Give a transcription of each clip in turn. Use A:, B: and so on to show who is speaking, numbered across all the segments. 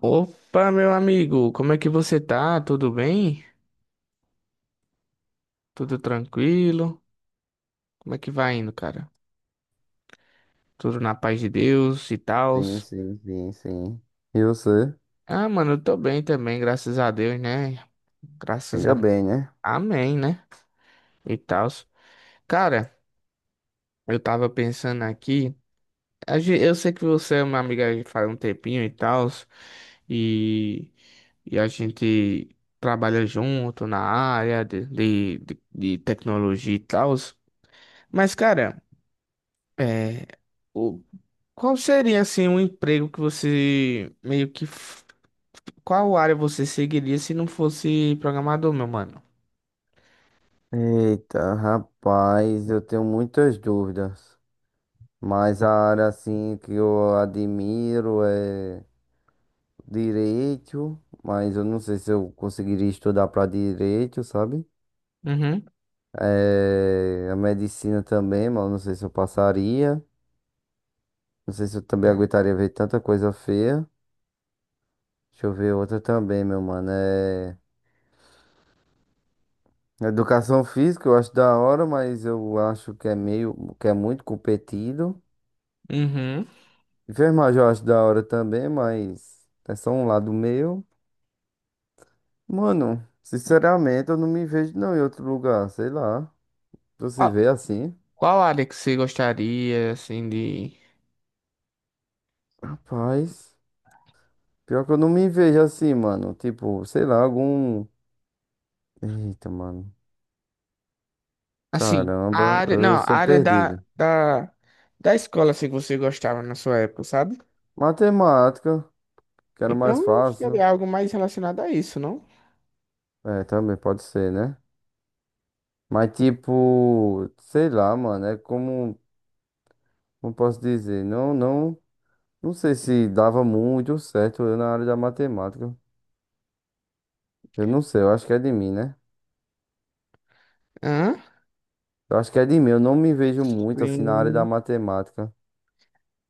A: Opa, meu amigo, como é que você tá? Tudo bem? Tudo tranquilo? Como é que vai indo, cara? Tudo na paz de Deus e
B: Sim,
A: tals?
B: sim, sim, sim. E você?
A: Ah, mano, eu tô bem também, graças a Deus, né? Graças
B: Ainda
A: a...
B: bem, né?
A: Amém, né? E tals. Cara, eu tava pensando aqui, eu sei que você é uma amiga aí faz um tempinho e tals, e... e a gente trabalha junto na área de tecnologia e tals, mas, cara... É, o, qual seria assim um emprego que você meio que f- qual área você seguiria se não fosse programador, meu mano?
B: Eita, rapaz, eu tenho muitas dúvidas. Mas a área assim que eu admiro é direito, mas eu não sei se eu conseguiria estudar para direito, sabe?
A: Uhum,
B: É, a medicina também, mas eu não sei se eu passaria. Não sei se eu também aguentaria ver tanta coisa feia. Deixa eu ver outra também, meu mano. É, educação física eu acho da hora, mas eu acho que é meio, que é muito competido.
A: uhum.
B: Enfermagem eu acho da hora também, mas é só um lado meu. Mano, sinceramente eu não me vejo não em outro lugar, sei lá. Tu se
A: Qual,
B: vê assim?
A: qual área que você gostaria assim de
B: Rapaz, pior que eu não me vejo assim, mano. Tipo, sei lá, algum... Eita, mano.
A: assim, a
B: Caramba,
A: área,
B: eu
A: não, a
B: sou
A: área da,
B: perdido.
A: da da escola assim que você gostava na sua época, sabe?
B: Matemática, que era mais
A: Então
B: fácil.
A: seria algo mais relacionado a isso, não?
B: É, também pode ser, né? Mas tipo, sei lá, mano, é como, como posso dizer, não, não, não sei se dava muito certo eu na área da matemática. Eu não sei, eu acho que é de mim, né?
A: Hã?
B: Eu acho que é de mim, eu não me vejo muito assim na área da
A: Sim.
B: matemática.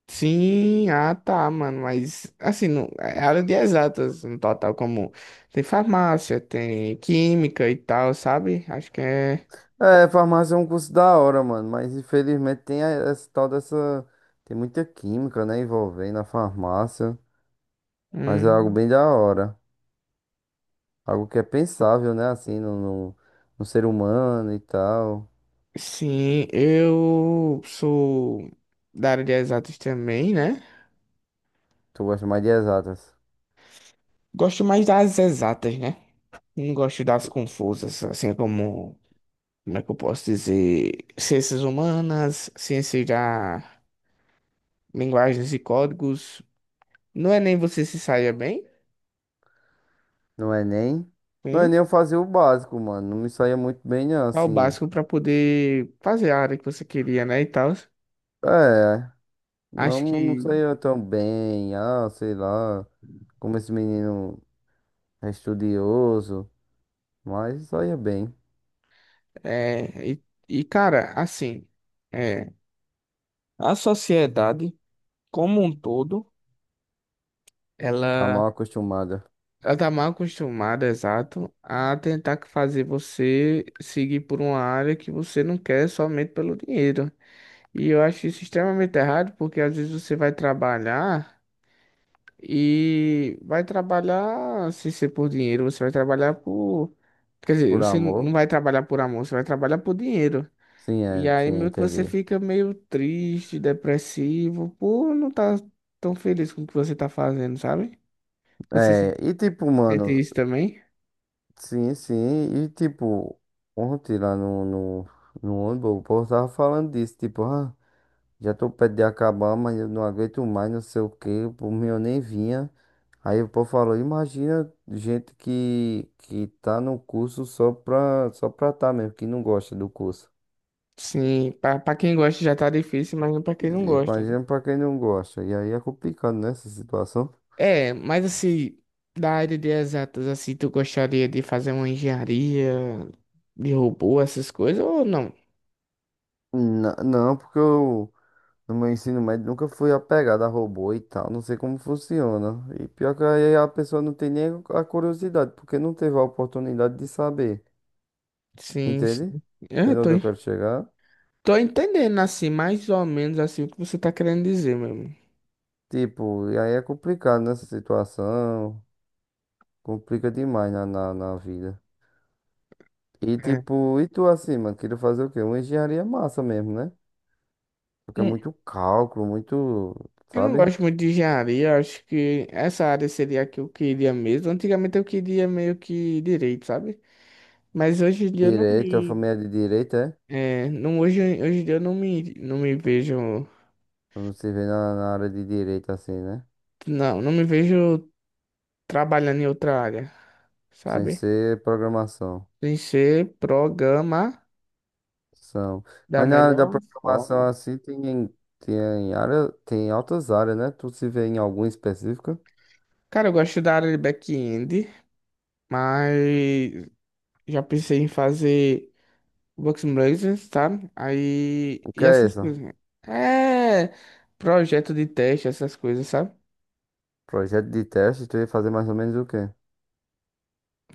A: Sim, ah tá, mano, mas assim, não, é área de exatas no total, como tem farmácia, tem química e tal, sabe? Acho que é.
B: É, farmácia é um curso da hora, mano, mas infelizmente tem a- essa tal dessa, tem muita química, né, envolvendo a farmácia, mas é algo
A: Hum,
B: bem da hora, algo que é pensável, né, assim, no, no, no ser humano e tal.
A: sim, eu sou da área de exatas também, né?
B: Tu gosta mais de exatas.
A: Gosto mais das exatas, né? Não gosto das confusas, assim como, como é que eu posso dizer? Ciências humanas, ciência da linguagens e códigos. Não é nem você se saia bem.
B: No Enem. No Enem eu fazia o básico, mano. Não me saía muito bem, não,
A: Só o
B: assim.
A: básico para poder fazer a área que você queria, né, e tal.
B: É, não,
A: Acho
B: não
A: que
B: saía tão bem, ah, sei lá. Como esse menino é estudioso. Mas saía bem.
A: é e cara, assim, é, a sociedade como um todo,
B: Tá mal
A: ela
B: acostumada.
A: ela tá mal acostumada, exato, a tentar que fazer você seguir por uma área que você não quer somente pelo dinheiro. E eu acho isso extremamente errado, porque às vezes você vai trabalhar. E vai trabalhar, se ser por dinheiro, você vai trabalhar por. Quer dizer,
B: Por
A: você não
B: amor.
A: vai trabalhar por amor, você vai trabalhar por dinheiro.
B: Sim,
A: E
B: é,
A: aí
B: sim,
A: meio que você
B: entendi.
A: fica meio triste, depressivo, por não estar tão feliz com o que você tá fazendo, sabe? Você
B: É,
A: se
B: e tipo,
A: sente
B: mano.
A: isso também?
B: Sim, sim. E tipo, ontem lá no ônibus, o povo tava falando disso. Tipo, ah, já tô perto de acabar, mas eu não aguento mais, não sei o quê. Por mim eu nem vinha. Aí o povo falou, imagina gente que tá no curso só pra tá mesmo, que não gosta do curso.
A: Sim, pra, pra quem gosta já tá difícil, mas não pra quem não gosta, né?
B: Imagina pra quem não gosta. E aí é complicado, né, essa situação.
A: É, mas assim, da área de exatas, assim, tu gostaria de fazer uma engenharia de robô, essas coisas, ou não?
B: Não, porque eu no meu ensino médio nunca fui apegado a robô e tal, não sei como funciona. E pior que aí a pessoa não tem nem a curiosidade, porque não teve a oportunidade de saber,
A: Sim,
B: entende?
A: sim. É,
B: Entendeu onde eu quero chegar?
A: tô entendendo assim, mais ou menos assim o que você tá querendo dizer, mesmo.
B: Tipo, e aí é complicado nessa situação. Complica demais na vida. E tipo, e tu assim, mano, queria fazer o quê? Uma engenharia massa mesmo, né? Porque é
A: É.
B: muito cálculo, muito,
A: Eu não
B: sabe?
A: gosto muito de engenharia, eu acho que essa área seria a que eu queria mesmo. Antigamente eu queria meio que direito, sabe? Mas hoje em dia eu não
B: Direito, a
A: me.
B: família de direito, é?
A: É, não, hoje em dia eu não me, não me vejo.
B: Não se vê na área de direito assim, né?
A: Não, não me vejo trabalhando em outra área,
B: Sem
A: sabe?
B: ser programação.
A: Sem ser programa
B: São.
A: da
B: Mas na área da
A: melhor
B: programação
A: forma.
B: assim tem, tem área, tem altas áreas, né? Tu se vê em alguma específica?
A: Cara, eu gosto da área de back-end, mas já pensei em fazer Bugs N' Blazers, sabe? Aí.
B: O
A: E
B: que é
A: essas
B: isso?
A: coisas. É. Projeto de teste, essas coisas, sabe?
B: Projeto de teste, tu ia fazer mais ou menos o quê?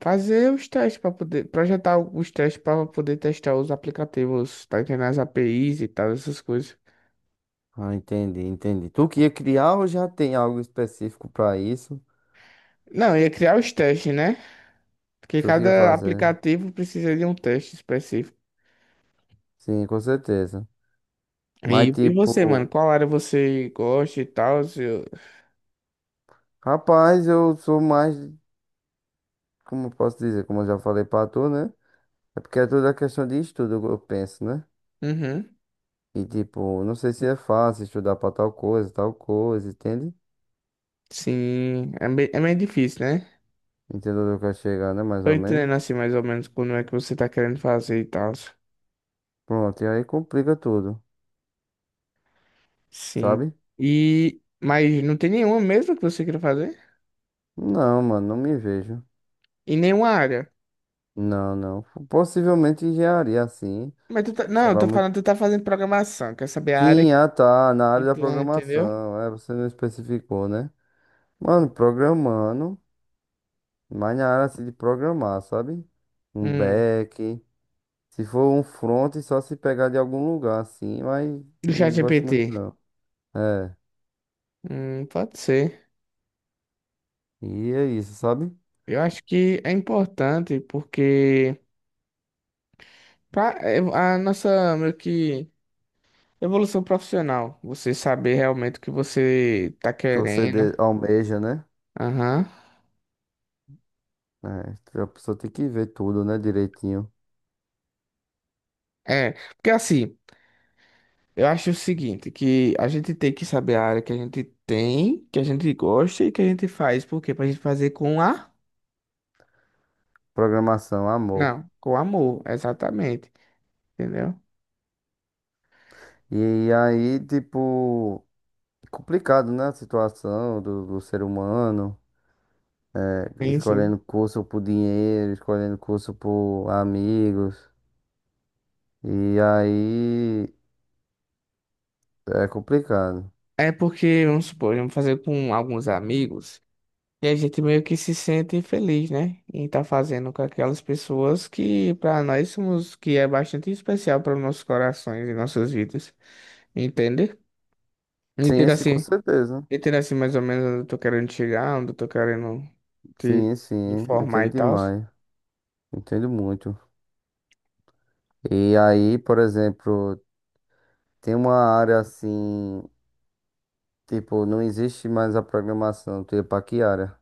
A: Fazer os testes para poder. Projetar os testes para poder testar os aplicativos, tá entendendo? As APIs e tal, essas coisas.
B: Ah, entendi, entendi. Tu que ia criar ou já tem algo específico pra isso?
A: Não, ia criar os testes, né? Porque
B: Tu que ia
A: cada
B: fazer?
A: aplicativo precisa de um teste específico.
B: Sim, com certeza. Mas
A: E você, mano?
B: tipo,
A: Qual área você gosta e tal? Se eu-
B: rapaz, eu sou mais, como eu posso dizer, como eu já falei pra tu, né? É porque é tudo a questão de estudo, eu penso, né?
A: Uhum.
B: E tipo, não sei se é fácil estudar pra tal coisa, entende?
A: Sim. É meio difícil, né?
B: Entendeu onde eu quero chegar, né? Mais
A: Tô
B: ou menos.
A: entendendo assim mais ou menos como é que você tá querendo fazer e tal.
B: Pronto, e aí complica tudo,
A: Sim.
B: sabe?
A: E mas não tem nenhuma mesmo que você queira fazer?
B: Não, mano, não me vejo.
A: Em nenhuma área.
B: Não, não. Possivelmente engenharia, assim.
A: Mas tu tá... Não, eu
B: Quebrar.
A: tô falando, tu tá fazendo programação. Quer saber a área
B: Sim, ah tá, na
A: que
B: área da
A: tu, é, entendeu?
B: programação. É, você não especificou, né? Mano, programando, mas na área assim de programar, sabe? Um
A: Hum.
B: back. Se for um front, só se pegar de algum lugar, assim, mas
A: Do
B: não gosto muito
A: ChatGPT.
B: não. É,
A: Pode ser.
B: e é isso, sabe?
A: Eu acho que é importante porque pra, é a nossa meio que evolução profissional, você saber realmente o que você tá
B: Que você
A: querendo.
B: de- almeja, né?
A: Aham.
B: É, a pessoa tem que ver tudo, né, direitinho.
A: É, porque assim. Eu acho o seguinte, que a gente tem que saber a área que a gente tem, que a gente gosta e que a gente faz. Por quê? Pra gente fazer com a...
B: Programação, amor.
A: Não, com amor, exatamente. Entendeu?
B: E aí, tipo, complicado, né? A situação do ser humano.
A: Sim, sim.
B: Escolhendo curso por dinheiro, escolhendo curso por amigos. E aí é complicado.
A: É porque, vamos supor, vamos fazer com alguns amigos e a gente meio que se sente feliz, né? Em estar fazendo com aquelas pessoas que para nós somos, que é bastante especial para nossos corações e nossas vidas. Entende?
B: Sim,
A: Entende
B: sim, com
A: assim?
B: certeza.
A: Entendo assim mais ou menos onde eu tô querendo chegar, onde eu tô querendo te
B: Sim, sim,
A: informar
B: entendo
A: e tal.
B: demais. Entendo muito. E aí, por exemplo, tem uma área assim, tipo, não existe mais a programação. Tu ia pra que área?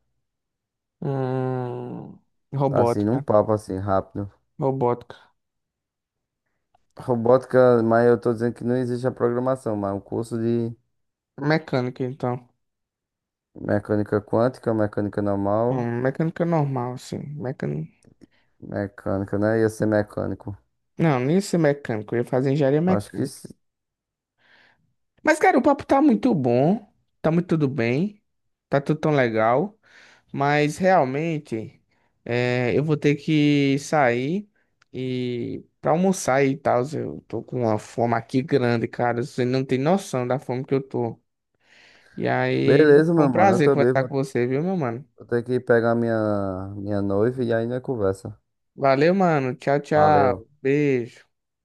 A: Hum,
B: Assim, num
A: robótica.
B: papo assim, rápido.
A: Robótica.
B: Robótica, mas eu tô dizendo que não existe a programação, mas um curso de
A: Mecânica, então.
B: mecânica quântica, mecânica normal.
A: Mecânica normal, assim. Mecânica...
B: Mecânico, né? Ia ser mecânico.
A: Não, nem ia ser mecânico. Eu ia fazer engenharia
B: Acho que
A: mecânica.
B: sim.
A: Mas, cara, o papo tá muito bom. Tá muito tudo bem. Tá tudo tão legal. Mas realmente, eu vou ter que sair e para almoçar e tal. Eu tô com uma fome aqui grande, cara. Você não tem noção da fome que eu tô. E aí,
B: Beleza,
A: foi
B: meu
A: um
B: mano. Eu
A: prazer
B: também
A: conversar
B: vou
A: com você, viu, meu mano?
B: vou ter que pegar minha, minha noiva e aí ainda conversa.
A: Valeu, mano. Tchau,
B: Valeu.
A: tchau. Beijo.